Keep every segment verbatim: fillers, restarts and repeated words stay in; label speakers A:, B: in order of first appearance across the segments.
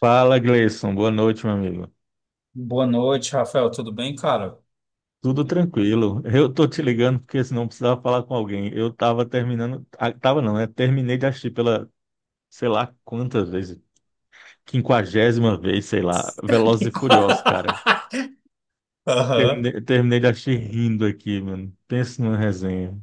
A: Fala, Gleison. Boa noite, meu amigo.
B: Boa noite, Rafael. Tudo bem, cara?
A: Tudo tranquilo. Eu tô te ligando porque senão eu precisava falar com alguém. Eu tava terminando, ah, tava não, né? Terminei de assistir pela, sei lá quantas vezes, quinquagésima vez, sei lá, Velozes e Furiosos, cara.
B: Aham.
A: Terminei, terminei de assistir rindo aqui, mano. Pensa numa resenha.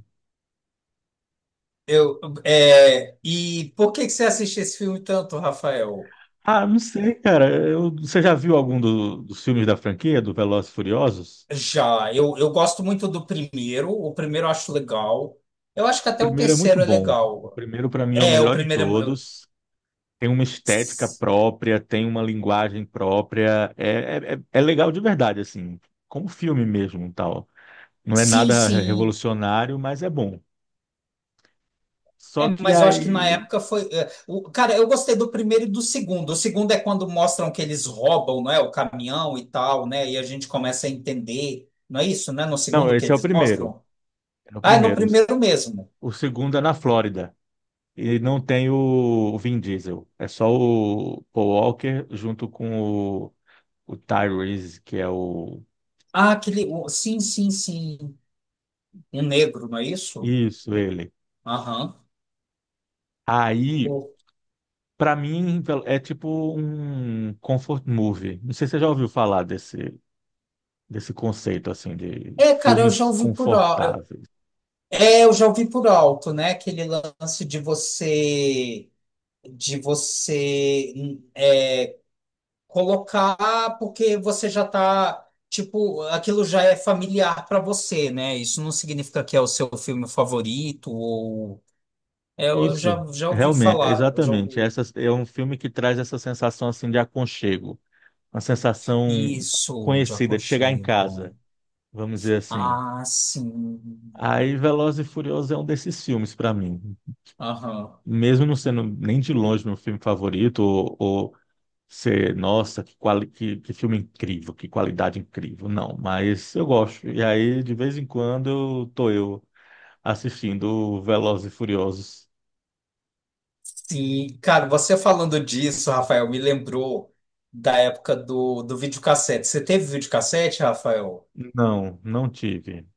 B: Eu, é, e por que que você assiste esse filme tanto, Rafael?
A: Ah, não sei, cara. Eu- você já viu algum do- dos filmes da franquia, do Velozes e Furiosos?
B: Já, eu, eu gosto muito do primeiro. O primeiro eu acho legal. Eu acho que
A: O
B: até o
A: primeiro é muito
B: terceiro é
A: bom. O
B: legal.
A: primeiro, pra mim, é o
B: É, o
A: melhor de
B: primeiro. é-
A: todos. Tem uma estética própria, tem uma linguagem própria. É, é, é legal de verdade, assim, como filme mesmo, tal. Não é
B: Sim,
A: nada
B: sim.
A: revolucionário, mas é bom.
B: É,
A: Só que
B: mas eu acho que na
A: aí.
B: época foi. É, o, cara, eu gostei do primeiro e do segundo. O segundo é quando mostram que eles roubam, não é, o caminhão e tal, né? E a gente começa a entender. Não é isso, né? No
A: Não,
B: segundo que
A: esse é o
B: eles
A: primeiro.
B: mostram?
A: É o
B: Ah, é no
A: primeiro.
B: primeiro mesmo.
A: O segundo é na Flórida. E não tem o, o Vin Diesel. É só o Paul Walker junto com o, o Tyrese, que é o.
B: Ah, aquele. o- sim, sim, sim. Um negro, não é isso?
A: Isso, ele.
B: Aham.
A: Aí
B: O-
A: pra mim, é tipo um comfort movie. Não sei se você já ouviu falar desse, desse conceito, assim, de
B: É, cara, eu já
A: filmes
B: ouvi por alto.
A: confortáveis.
B: É, eu já ouvi por alto, né? Aquele lance de você. De você hum, é colocar porque você já tá, tipo, aquilo já é familiar para você, né? Isso não significa que é o seu filme favorito ou é, eu já
A: Isso,
B: já ouvi
A: realmente,
B: falar, eu já
A: exatamente.
B: ouvi
A: Essa, é um filme que traz essa sensação, assim, de aconchego. Uma sensação
B: Isso de
A: conhecida, de chegar em
B: aconchego.
A: casa, vamos dizer assim.
B: Ah, sim.
A: Aí, Velozes e Furiosos é um desses filmes pra mim.
B: Aham.
A: Mesmo não sendo nem de longe meu filme favorito, ou, ou ser nossa, que, quali- que, que filme incrível, que qualidade incrível. Não, mas eu gosto. E aí, de vez em quando, eu tô eu assistindo Velozes e Furiosos.
B: Sim, cara, você falando disso, Rafael, me lembrou da época do do videocassete. Você teve videocassete, Rafael?
A: Não, não tive.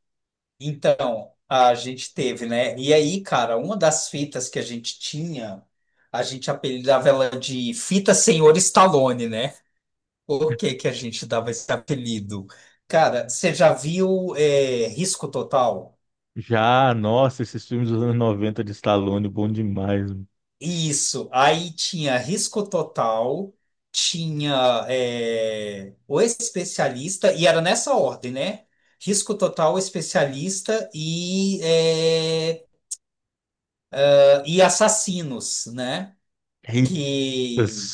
B: Então, a gente teve, né? E aí, cara, uma das fitas que a gente tinha, a gente apelidava ela de Fita Senhor Stallone, né? Por que que a gente dava esse apelido? Cara, você já viu é, Risco Total?
A: Já, nossa, esses filmes dos anos noventa de Stallone, bom demais.
B: Isso. Aí tinha Risco Total, tinha é, o especialista, e era nessa ordem, né? Risco Total, especialista e, é, e assassinos, né?
A: Eita,
B: Que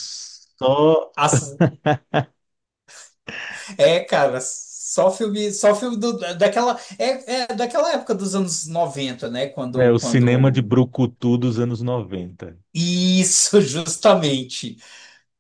A: só
B: as- é, Cara, só filme, só filme do- daquela é, é daquela época dos anos noventa, né,
A: é,
B: quando
A: o cinema de
B: quando
A: brucutu dos anos noventa.
B: isso. Justamente.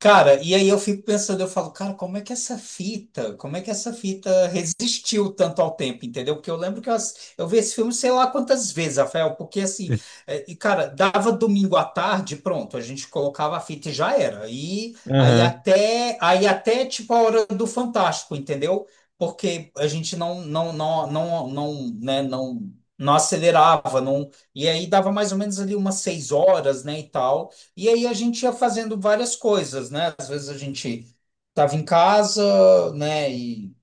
B: Cara, e aí eu fico pensando, eu falo, cara, como é que essa fita, como é que essa fita resistiu tanto ao tempo, entendeu? Porque eu lembro que eu, ass- eu vi esse filme sei lá quantas vezes, Rafael, porque assim, é, e cara, dava domingo à tarde, pronto, a gente colocava a fita e já era. E aí
A: Aham.
B: até, aí até tipo a hora do Fantástico, entendeu? Porque a gente não, não, não, não, não, né, não, não acelerava, não, e aí dava mais ou menos ali umas seis horas, né, e tal. E aí a gente ia fazendo várias coisas, né? Às vezes a gente tava em casa, né? E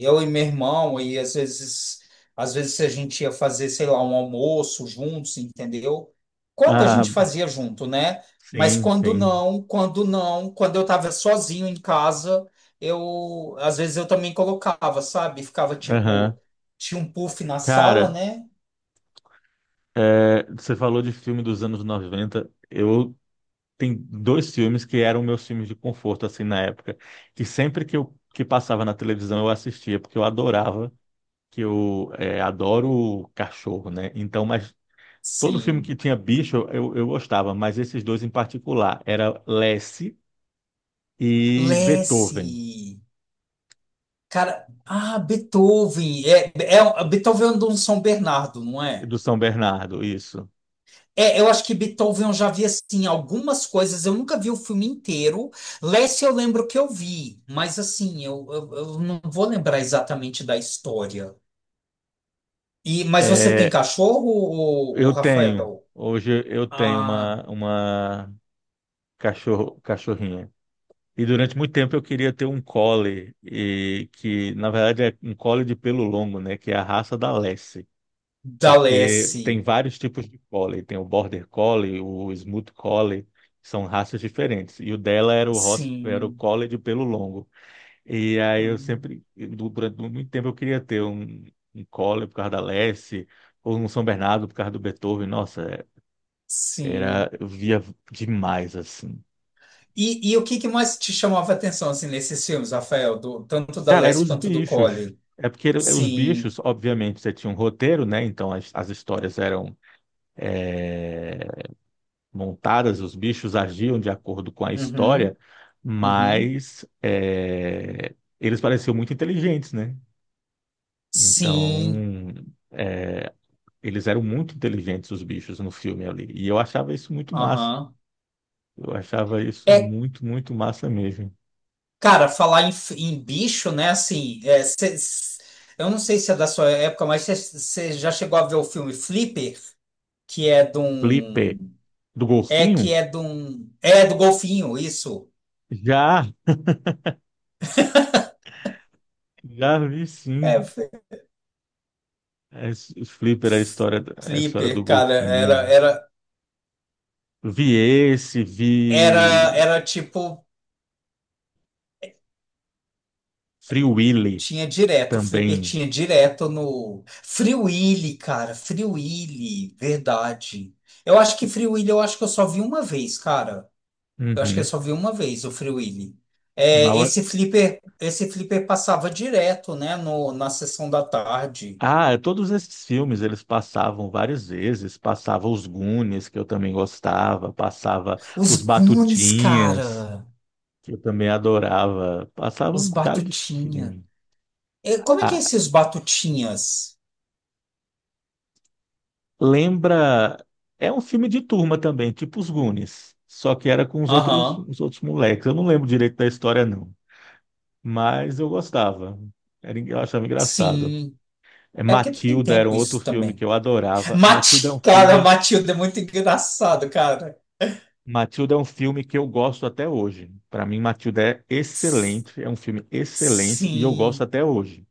B: eu e meu irmão, e às vezes, às vezes a gente ia fazer, sei lá, um almoço juntos, entendeu? Quando a
A: Ah,
B: gente fazia junto, né? Mas
A: sim,
B: quando
A: sim.
B: não, quando não, quando eu tava sozinho em casa, eu às vezes eu também colocava, sabe? Ficava tipo,
A: Aham.
B: tinha um puff na sala,
A: Cara,
B: né?
A: é, você falou de filme dos anos noventa. Eu tem dois filmes que eram meus filmes de conforto, assim, na época, que sempre que eu que passava na televisão eu assistia, porque eu adorava, que eu é, adoro cachorro, né? Então, mas todo filme
B: Sim.
A: que tinha bicho eu, eu gostava, mas esses dois em particular, era Lassie e Beethoven,
B: Lesse. Cara, ah, Beethoven. É, é, um, Beethoven é do São Bernardo, não é?
A: do São Bernardo, isso.
B: É, eu acho que Beethoven eu já vi assim algumas coisas. Eu nunca vi o filme inteiro. Lassie eu lembro que eu vi, mas assim, eu, eu, eu não vou lembrar exatamente da história. E, mas você tem
A: É,
B: cachorro, ô, ô,
A: eu tenho,
B: Rafael?
A: hoje eu tenho
B: Ah,
A: uma, uma cachorro, cachorrinha. E durante muito tempo eu queria ter um collie, e que na verdade é um collie de pelo longo, né, que é a raça da Lassie,
B: da
A: porque tem
B: Lassie.
A: vários tipos de collie, tem o Border Collie, o Smooth Collie, são raças diferentes. E o dela era o ros- era o
B: Sim.
A: collie de pelo longo. E aí eu
B: Hum,
A: sempre du- durante muito tempo eu queria ter um, um collie por causa da Lassie, ou um São Bernardo por causa do Beethoven. Nossa, é-
B: sim.
A: era eu via demais assim.
B: E, e o que que mais te chamava a atenção assim, nesses filmes, Rafael? Do, tanto da
A: Cara, eram
B: Lassie
A: os
B: quanto do
A: bichos.
B: Colin?
A: É porque era- os
B: Sim.
A: bichos, obviamente, você tinha um roteiro, né? Então as, as histórias eram montadas, os bichos agiam de acordo com a
B: Uhum.
A: história,
B: Uhum.
A: mas é, eles pareciam muito inteligentes, né?
B: Sim.
A: Então é, eles eram muito inteligentes, os bichos, no filme ali. E eu achava isso muito massa.
B: Aham.
A: Eu achava isso
B: É,
A: muito, muito massa mesmo.
B: cara, falar em, em bicho, né? Assim, é, cê- s- eu não sei se é da sua época, mas você já chegou a ver o filme Flipper, que é de
A: Flipper,
B: um.
A: do
B: É que
A: golfinho?
B: é de um. É do golfinho, isso.
A: Já, já vi
B: É,
A: sim.
B: F-
A: É, os Flipper, é a história, é a história
B: Flipper,
A: do
B: cara, era,
A: golfinho.
B: era,
A: Vi esse,
B: era,
A: vi
B: era tipo.
A: Free Willy
B: Tinha direto, o Flipper
A: também.
B: tinha direto no. Free Willy, cara, Free Willy, verdade. Eu acho que Free Willy eu acho que eu só vi uma vez, cara. Eu acho que eu
A: Uhum.
B: só vi uma vez o Free Willy. É,
A: Mal-
B: esse Flipper, esse Flipper passava direto, né, no, na sessão da tarde.
A: ah, é, todos esses filmes eles passavam várias vezes. Passava os Goonies, que eu também gostava. Passava
B: Os
A: os
B: Goonies,
A: Batutinhas,
B: cara,
A: que eu também adorava. Passava um
B: os
A: bocado de
B: Batutinha.
A: filme.
B: É, como é que é
A: Ah,
B: esses Batutinhas?
A: lembra... É um filme de turma também, tipo os Goonies. Só que era com os outros,
B: Aham,
A: os outros moleques. Eu não lembro direito da história, não, mas eu gostava. Era, en- eu achava engraçado.
B: sim.
A: É,
B: É porque tem
A: Matilda era um
B: tempo
A: outro
B: isso
A: filme que
B: também.
A: eu adorava. Matilda é
B: Mati,
A: um
B: cara,
A: filme,
B: Matilda é muito engraçado, cara.
A: Matilda é um filme que eu gosto até hoje. Para mim, Matilda é
B: S-
A: excelente, é um filme excelente e eu gosto
B: Sim,
A: até hoje.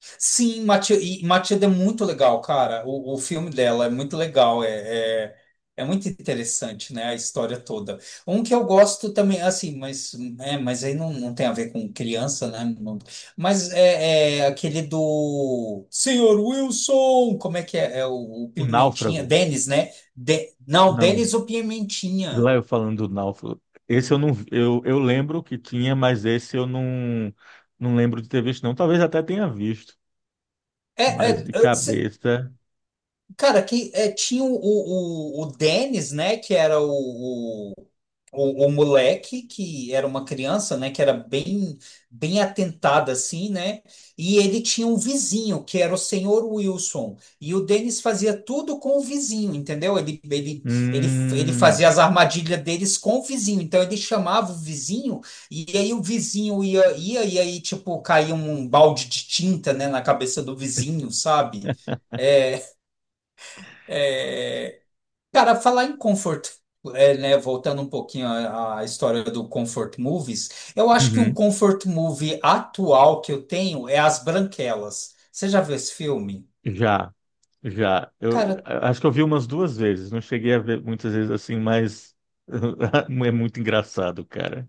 B: sim, Matilda, e Matilda é muito legal, cara. O, o filme dela é muito legal, é, é, é muito interessante, né? A história toda. Um que eu gosto também, assim, mas, é, mas aí não, não tem a ver com criança, né? Não- Mas é, é aquele do Senhor Wilson, como é que é? É o, o
A: O
B: Pimentinha,
A: Náufrago,
B: Denis, né? De- Não,
A: não.
B: Denis o
A: Lá
B: Pimentinha.
A: eu falando do Náufrago. Esse eu não, vi- eu, eu lembro que tinha, mas esse eu não, não lembro de ter visto, não. Talvez até tenha visto,
B: É, é,
A: mas de
B: é,
A: cabeça.
B: Cara, que é, tinha o, o, o Dennis, né? Que era o, o, o, o moleque, que era uma criança, né? Que era bem, bem atentada, assim, né? E ele tinha um vizinho, que era o senhor Wilson. E o Dennis fazia tudo com o vizinho, entendeu? Ele, ele, ele, ele fazia
A: Hum,
B: as armadilhas deles com o vizinho. Então ele chamava o vizinho, e aí o vizinho ia, ia e aí, tipo, caía um balde de tinta, né? Na cabeça do vizinho, sabe? É, cara, falar em comfort, é, né, voltando um pouquinho à, à história do comfort movies, eu acho que um
A: uhum,
B: comfort movie atual que eu tenho é As Branquelas. Você já viu esse filme?
A: já. Já, eu
B: Cara,
A: a- acho que eu vi umas duas vezes, não cheguei a ver muitas vezes assim, mas é muito engraçado, cara.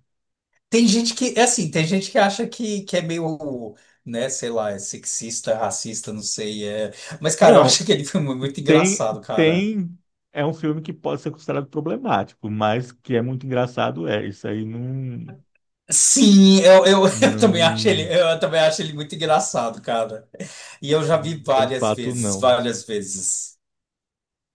B: tem gente que, é assim, tem gente que acha que, que é meio, né, sei lá, é sexista, racista, não sei, é... Mas, cara, eu
A: Não,
B: acho aquele filme muito
A: tem,
B: engraçado, cara.
A: tem, é um filme que pode ser considerado problemático, mas que é muito engraçado, é, isso aí não,
B: Sim, eu, eu, eu também acho ele,
A: não,
B: eu também acho ele muito engraçado, cara. E eu já
A: não
B: vi
A: muda o
B: várias
A: fato,
B: vezes,
A: não.
B: várias vezes.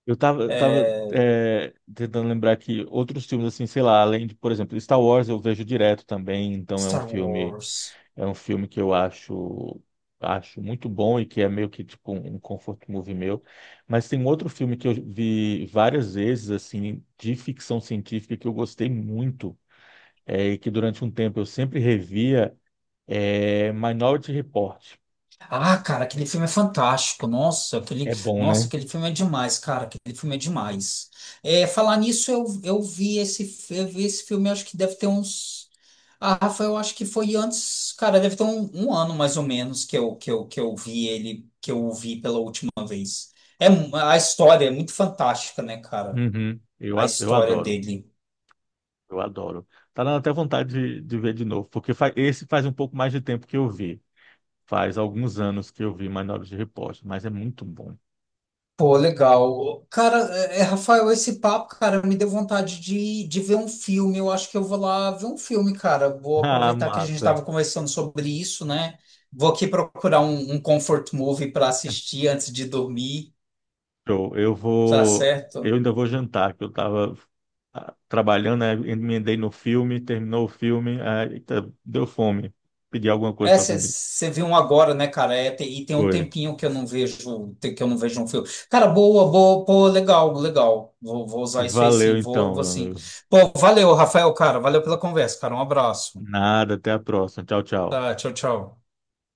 A: Eu tava, eu tava
B: É,
A: é, tentando lembrar que outros filmes, assim, sei lá, além de, por exemplo, Star Wars eu vejo direto também, então é um
B: Star
A: filme
B: Wars.
A: é um filme que eu acho acho muito bom e que é meio que tipo um comfort movie meu. Mas tem um outro filme que eu vi várias vezes assim de ficção científica que eu gostei muito é, e que durante um tempo eu sempre revia é Minority Report.
B: Ah, cara, aquele filme é fantástico. Nossa, aquele,
A: É bom,
B: nossa,
A: né?
B: aquele filme é demais, cara. Aquele filme é demais. É, falar nisso, eu, eu vi esse, fi- eu vi esse filme, acho que deve ter uns. Ah, Rafa, eu acho que foi antes, cara, deve ter um, um ano mais ou menos que eu, que eu, que eu vi ele, que eu o vi pela última vez. É, mu- a história é muito fantástica, né, cara?
A: Uhum. Eu,
B: A
A: a- eu
B: história
A: adoro.
B: dele.
A: Eu adoro. Tá dando até vontade de, de ver de novo, porque fa- esse faz um pouco mais de tempo que eu vi. Faz alguns anos que eu vi Minority Report, mas é muito bom.
B: Pô, legal. Cara, é, é, Rafael, esse papo, cara, me deu vontade de, de ver um filme. Eu acho que eu vou lá ver um filme, cara. Vou
A: Ah,
B: aproveitar que a gente
A: massa.
B: estava conversando sobre isso, né? Vou aqui procurar um, um comfort movie para assistir antes de dormir,
A: Show. Eu
B: tá
A: vou. Eu
B: certo?
A: ainda vou jantar, que eu estava trabalhando, né? Emendei no filme, terminou o filme, aí, eita, deu fome. Pedi alguma coisa
B: É,
A: para comer.
B: você viu um agora, né, cara? É, tem- e tem um
A: Foi.
B: tempinho que eu não vejo, tem- que eu não vejo um filme. Cara, boa, boa, pô, legal, legal. Vou, vou usar isso aí
A: Valeu
B: sim, vou,
A: então,
B: vou
A: meu
B: sim.
A: amigo.
B: Pô, valeu, Rafael, cara. Valeu pela conversa, cara. Um abraço.
A: Nada, até a próxima. Tchau, tchau.
B: Tá, tchau, tchau.